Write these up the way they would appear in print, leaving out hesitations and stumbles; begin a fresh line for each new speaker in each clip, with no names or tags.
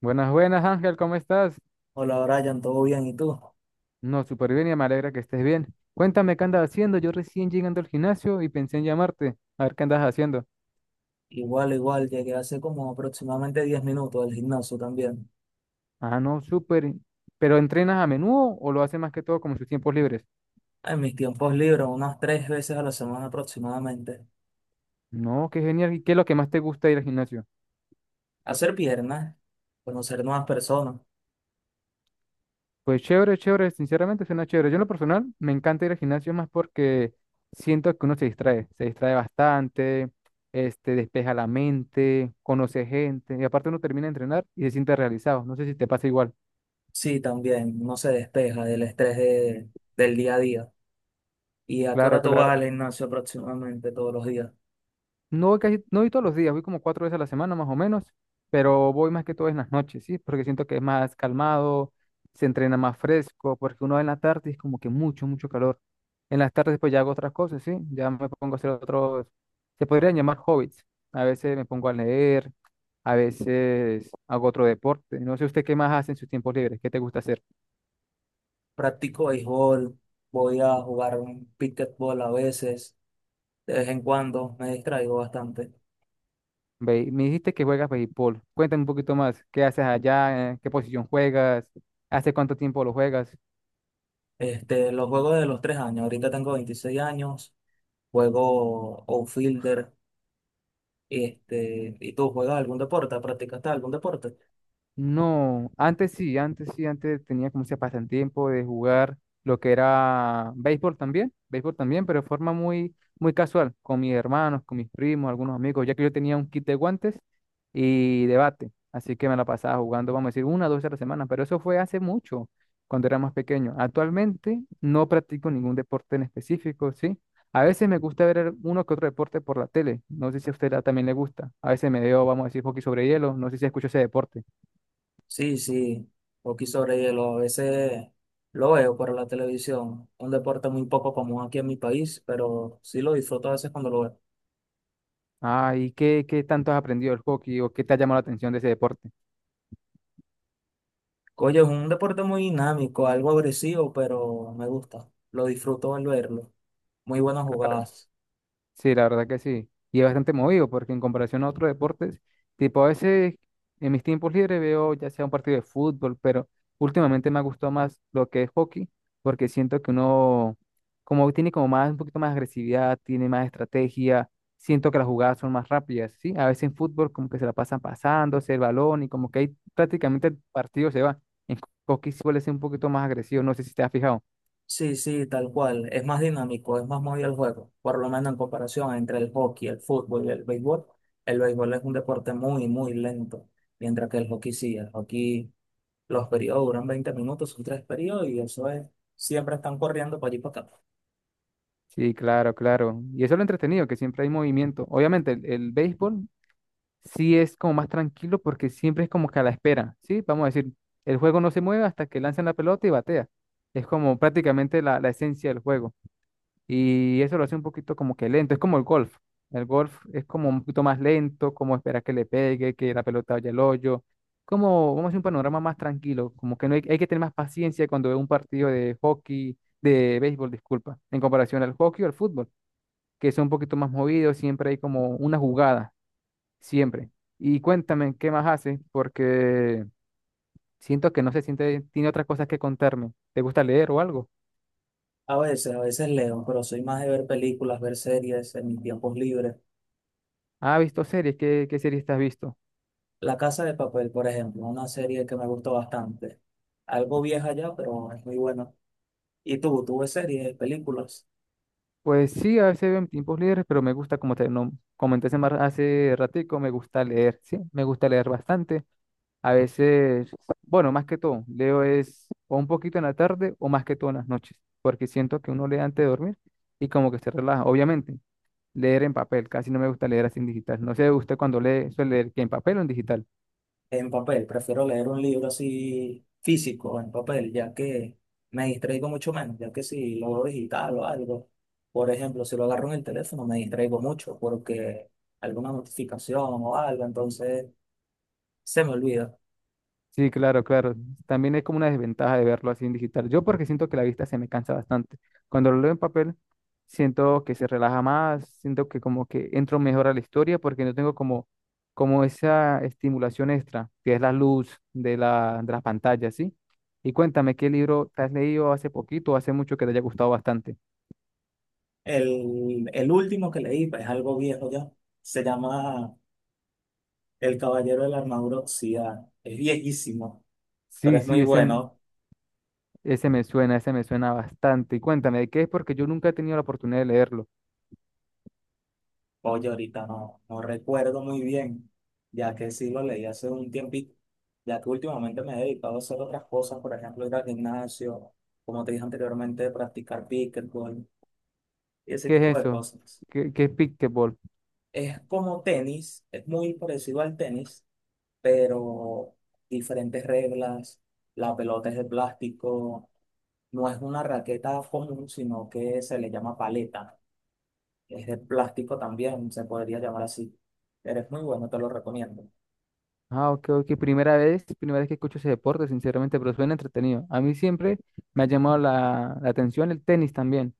Buenas, buenas, Ángel, ¿cómo estás?
Hola Brian, ¿todo bien? ¿Y tú?
No, súper bien y me alegra que estés bien. Cuéntame qué andas haciendo. Yo recién llegando al gimnasio y pensé en llamarte. A ver qué andas haciendo.
Igual, igual, llegué hace como aproximadamente 10 minutos del gimnasio también.
Ah, no, súper. ¿Pero entrenas a menudo o lo haces más que todo como en sus tiempos libres?
En mis tiempos libres, unas 3 veces a la semana aproximadamente.
No, qué genial. ¿Y qué es lo que más te gusta ir al gimnasio?
Hacer piernas, conocer nuevas personas.
Pues chévere, chévere. Sinceramente suena chévere. Yo en lo personal me encanta ir al gimnasio más porque siento que uno se distrae. Se distrae bastante, despeja la mente, conoce gente y aparte uno termina de entrenar y se siente realizado. No sé si te pasa igual.
Sí, también, no se despeja del del día a día. ¿Y a qué
Claro,
hora tú vas
claro.
al gimnasio aproximadamente todos los días?
No voy casi, no voy todos los días, voy como cuatro veces a la semana más o menos, pero voy más que todo en las noches, ¿sí? Porque siento que es más calmado, se entrena más fresco, porque uno en la tarde es como que mucho, mucho calor. En las tardes pues ya hago otras cosas, ¿sí? Ya me pongo a hacer otros, se podrían llamar hobbies. A veces me pongo a leer, a veces hago otro deporte. No sé usted qué más hace en sus tiempos libres, qué te gusta hacer.
Practico béisbol, voy a jugar un pickleball a veces, de vez en cuando, me distraigo bastante.
Me dijiste que juegas béisbol. Cuéntame un poquito más, ¿qué haces allá? ¿En Qué posición juegas? ¿Hace cuánto tiempo lo juegas?
Los juegos de los 3 años, ahorita tengo 26 años. Juego outfielder. ¿Y tú juegas algún deporte? ¿Practicaste algún deporte?
No, antes sí, antes sí, antes tenía como ese pasatiempo de jugar lo que era béisbol también, pero de forma muy, muy casual, con mis hermanos, con mis primos, algunos amigos, ya que yo tenía un kit de guantes y de bate, así que me la pasaba jugando, vamos a decir, una o dos veces a la semana, pero eso fue hace mucho, cuando era más pequeño. Actualmente no practico ningún deporte en específico, ¿sí? A veces me gusta ver uno que otro deporte por la tele, no sé si a usted también le gusta, a veces me veo, vamos a decir, hockey sobre hielo, no sé si escucho ese deporte.
Sí, sí, hockey sobre hielo, a veces lo veo por la televisión, un deporte muy poco común aquí en mi país, pero sí lo disfruto a veces cuando lo veo.
Ah, ¿y qué tanto has aprendido del hockey o qué te ha llamado la atención de ese deporte?
Oye, es un deporte muy dinámico, algo agresivo, pero me gusta, lo disfruto al verlo, muy buenas
Claro,
jugadas.
sí, la verdad que sí. Y es bastante movido porque en comparación a otros deportes, tipo a veces en mis tiempos libres veo ya sea un partido de fútbol, pero últimamente me ha gustado más lo que es hockey porque siento que uno como tiene como más un poquito más agresividad, tiene más estrategia, siento que las jugadas son más rápidas, ¿sí? A veces en fútbol como que se la pasan pasándose el balón y como que ahí prácticamente el partido se va. En hockey suele ser un poquito más agresivo, no sé si te has fijado.
Sí, sí, tal cual. Es más dinámico, es más movido el juego. Por lo menos en comparación entre el hockey, el fútbol y el béisbol. El béisbol es un deporte muy, muy lento. Mientras que el hockey sí, el hockey, los periodos duran 20 minutos, son 3 periodos y eso es, siempre están corriendo para allí y para acá.
Sí, claro, claro. Y eso es lo entretenido, que siempre hay movimiento. Obviamente, el béisbol sí es como más tranquilo porque siempre es como que a la espera, ¿sí? Vamos a decir, el juego no se mueve hasta que lanzan la pelota y batea. Es como prácticamente la esencia del juego. Y eso lo hace un poquito como que lento, es como el golf. El golf es como un poquito más lento, como esperar que le pegue, que la pelota vaya al hoyo. Como, vamos a hacer un panorama más tranquilo, como que no hay, hay que tener más paciencia cuando ve un partido de hockey, de béisbol, disculpa, en comparación al hockey o al fútbol que son un poquito más movidos, siempre hay como una jugada, siempre. Y cuéntame, ¿qué más haces? Porque siento que no se siente, tiene otras cosas que contarme. ¿Te gusta leer o algo?
A veces leo, pero soy más de ver películas, ver series en mis tiempos libres.
Ah, ¿has visto series? Qué series te has visto?
La Casa de Papel, por ejemplo, una serie que me gustó bastante. Algo vieja ya, pero es muy buena. ¿Y tú ves series, películas?
Pues sí, a veces veo en tiempos libres, pero me gusta, como te no, comenté hace ratico, me gusta leer, sí, me gusta leer bastante. A veces, bueno, más que todo, leo es o un poquito en la tarde o más que todo en las noches, porque siento que uno lee antes de dormir y como que se relaja. Obviamente, leer en papel, casi no me gusta leer así en digital. No sé, usted cuando lee, suele leer que en papel o en digital.
En papel, prefiero leer un libro así físico, en papel, ya que me distraigo mucho menos, ya que si lo veo digital o algo, por ejemplo, si lo agarro en el teléfono me distraigo mucho porque alguna notificación o algo, entonces se me olvida.
Sí, claro, claro. También es como una desventaja de verlo así en digital. Yo porque siento que la vista se me cansa bastante. Cuando lo leo en papel, siento que se relaja más, siento que como que entro mejor a la historia porque no tengo como, como esa estimulación extra, que es la luz de de las pantallas, ¿sí? Y cuéntame, ¿qué libro te has leído hace poquito o hace mucho que te haya gustado bastante?
El último que leí pues, es algo viejo ya, se llama El Caballero de la Armadura Oxidada, es viejísimo, pero
Sí,
es
sí,
muy
ese,
bueno.
Ese me suena, ese me suena bastante. Y cuéntame, ¿de qué es? Porque yo nunca he tenido la oportunidad de leerlo.
Oye, ahorita no, no recuerdo muy bien, ya que sí lo leí hace un tiempito, ya que últimamente me he dedicado a hacer otras cosas, por ejemplo, ir al gimnasio, como te dije anteriormente, practicar pickleball y ese
¿Qué
tipo
es
de
eso?
cosas.
Qué es Pickleball?
Es como tenis, es muy parecido al tenis, pero diferentes reglas, la pelota es de plástico, no es una raqueta común, sino que se le llama paleta, es de plástico también, se podría llamar así, pero es muy bueno, te lo recomiendo.
Ah, ok, ok. Primera vez que escucho ese deporte, sinceramente, pero suena entretenido. A mí siempre me ha llamado la atención el tenis también.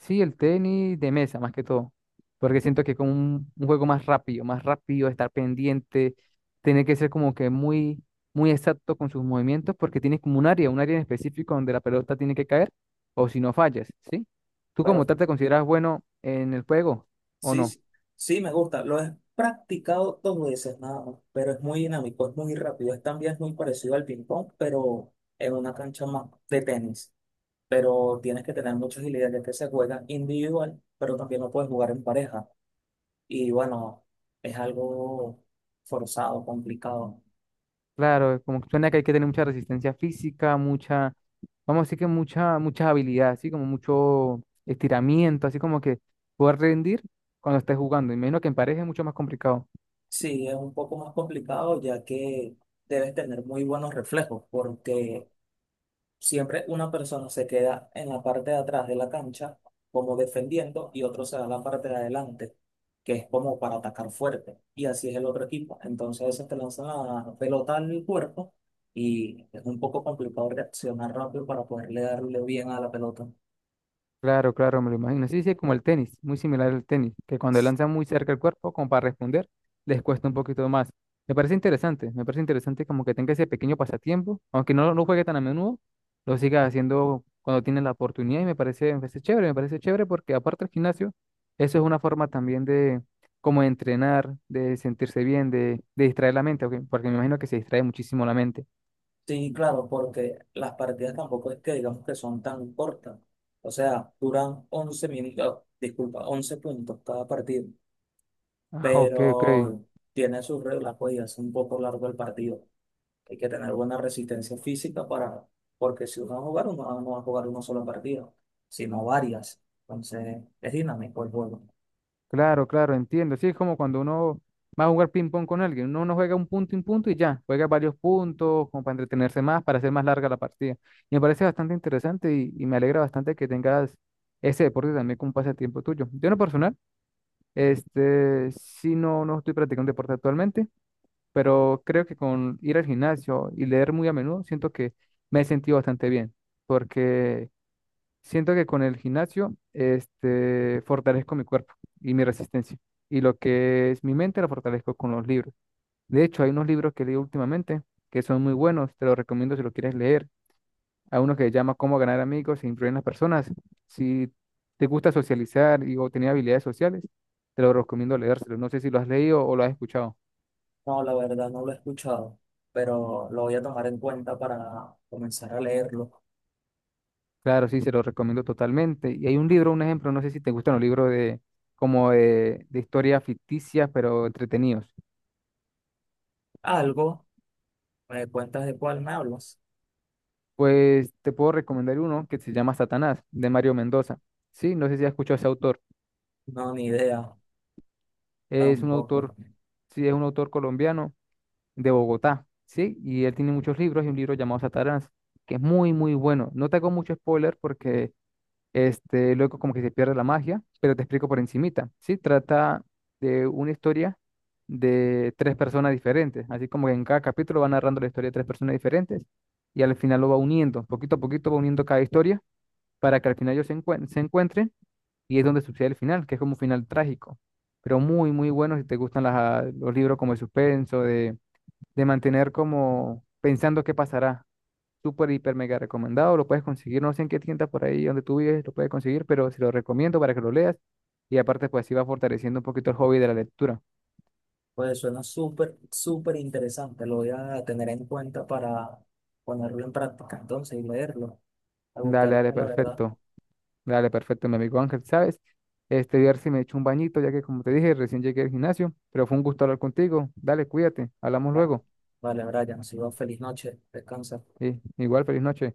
Sí, el tenis de mesa, más que todo. Porque siento que es como un juego más rápido, estar pendiente, tener que ser como que muy, muy exacto con sus movimientos, porque tienes como un área en específico donde la pelota tiene que caer, o si no fallas, ¿sí? ¿Tú como
Pero
tal te consideras bueno en el juego o
sí,
no?
sí, sí me gusta. Lo he practicado 2 veces nada más, pero es muy dinámico, es muy rápido. Es también muy parecido al ping-pong, pero en una cancha más de tenis. Pero tienes que tener mucha agilidad, ya que se juega individual, pero también lo puedes jugar en pareja. Y bueno, es algo forzado, complicado.
Claro, como que suena que hay que tener mucha resistencia física, mucha, vamos a decir que mucha, mucha habilidad, así como mucho estiramiento, así como que poder rendir cuando estés jugando. Imagino que en pareja es mucho más complicado.
Sí, es un poco más complicado, ya que debes tener muy buenos reflejos, porque siempre una persona se queda en la parte de atrás de la cancha como defendiendo y otro se da la parte de adelante, que es como para atacar fuerte. Y así es el otro equipo. Entonces se te lanza la pelota al cuerpo y es un poco complicado reaccionar rápido para poderle darle bien a la pelota.
Claro, claro, me lo imagino. Sí, sí, como el tenis, muy similar al tenis, que cuando lanzan muy cerca el cuerpo, como para responder, les cuesta un poquito más. Me parece interesante como que tenga ese pequeño pasatiempo, aunque no lo juegue tan a menudo, lo siga haciendo cuando tiene la oportunidad y me parece chévere porque aparte del gimnasio, eso es una forma también de como de entrenar, de sentirse bien, de distraer la mente, ok. Porque me imagino que se distrae muchísimo la mente.
Sí, claro, porque las partidas tampoco es que digamos que son tan cortas. O sea, duran 11 minutos, disculpa, 11 puntos cada partido.
Ah, ok, ok.
Pero tiene sus reglas, pues, y hace un poco largo el partido. Hay que tener buena resistencia física para, porque si uno va a jugar, uno no va a jugar un solo partido, sino varias. Entonces, es dinámico el juego.
Claro, claro, entiendo. Sí, es como cuando uno va a jugar ping-pong con alguien. Uno no juega un punto y ya. Juega varios puntos como para entretenerse más, para hacer más larga la partida. Y me parece bastante interesante y me alegra bastante que tengas ese deporte también como un pasatiempo tuyo. Yo en lo personal, sí no, no estoy practicando deporte actualmente, pero creo que con ir al gimnasio y leer muy a menudo, siento que me he sentido bastante bien. Porque siento que con el gimnasio, fortalezco mi cuerpo y mi resistencia. Y lo que es mi mente la fortalezco con los libros. De hecho, hay unos libros que leo últimamente que son muy buenos. Te los recomiendo si lo quieres leer. Hay uno que se llama Cómo ganar amigos e influir en las personas. Si te gusta socializar y o tener habilidades sociales, te lo recomiendo leérselo. No sé si lo has leído o lo has escuchado.
No, la verdad no lo he escuchado, pero lo voy a tomar en cuenta para comenzar a leerlo.
Claro, sí, se lo recomiendo totalmente. Y hay un libro, un ejemplo, no sé si te gustan los libros de como de historias ficticias, pero entretenidos.
Algo, ¿me cuentas de cuál me hablas?
Pues te puedo recomendar uno que se llama Satanás, de Mario Mendoza. Sí, no sé si has escuchado a ese autor.
No, ni idea,
Es un
tampoco.
autor, sí, es un autor colombiano de Bogotá, ¿sí? Y él tiene muchos libros y un libro llamado Satanás, que es muy, muy bueno. No te hago mucho spoiler porque luego como que se pierde la magia, pero te explico por encimita, ¿sí? Trata de una historia de tres personas diferentes, así como que en cada capítulo va narrando la historia de tres personas diferentes y al final lo va uniendo, poquito a poquito va uniendo cada historia para que al final ellos se, se encuentren y es donde sucede el final, que es como un final trágico, pero muy, muy bueno si te gustan los libros como de suspenso, de mantener como pensando qué pasará. Súper, hiper, mega recomendado, lo puedes conseguir, no sé en qué tienda por ahí donde tú vives, lo puedes conseguir, pero se lo recomiendo para que lo leas y aparte pues sí va fortaleciendo un poquito el hobby de la lectura.
Pues suena súper, súper interesante. Lo voy a tener en cuenta para ponerlo en práctica entonces y leerlo. Me
Dale,
gustaría, la verdad.
dale, perfecto, mi amigo Ángel, ¿sabes? Ver si me echo un bañito, ya que como te dije, recién llegué al gimnasio, pero fue un gusto hablar contigo. Dale, cuídate, hablamos
Va-
luego.
Vale, Brian, ha sido feliz noche. Descansa.
Sí, igual, feliz noche.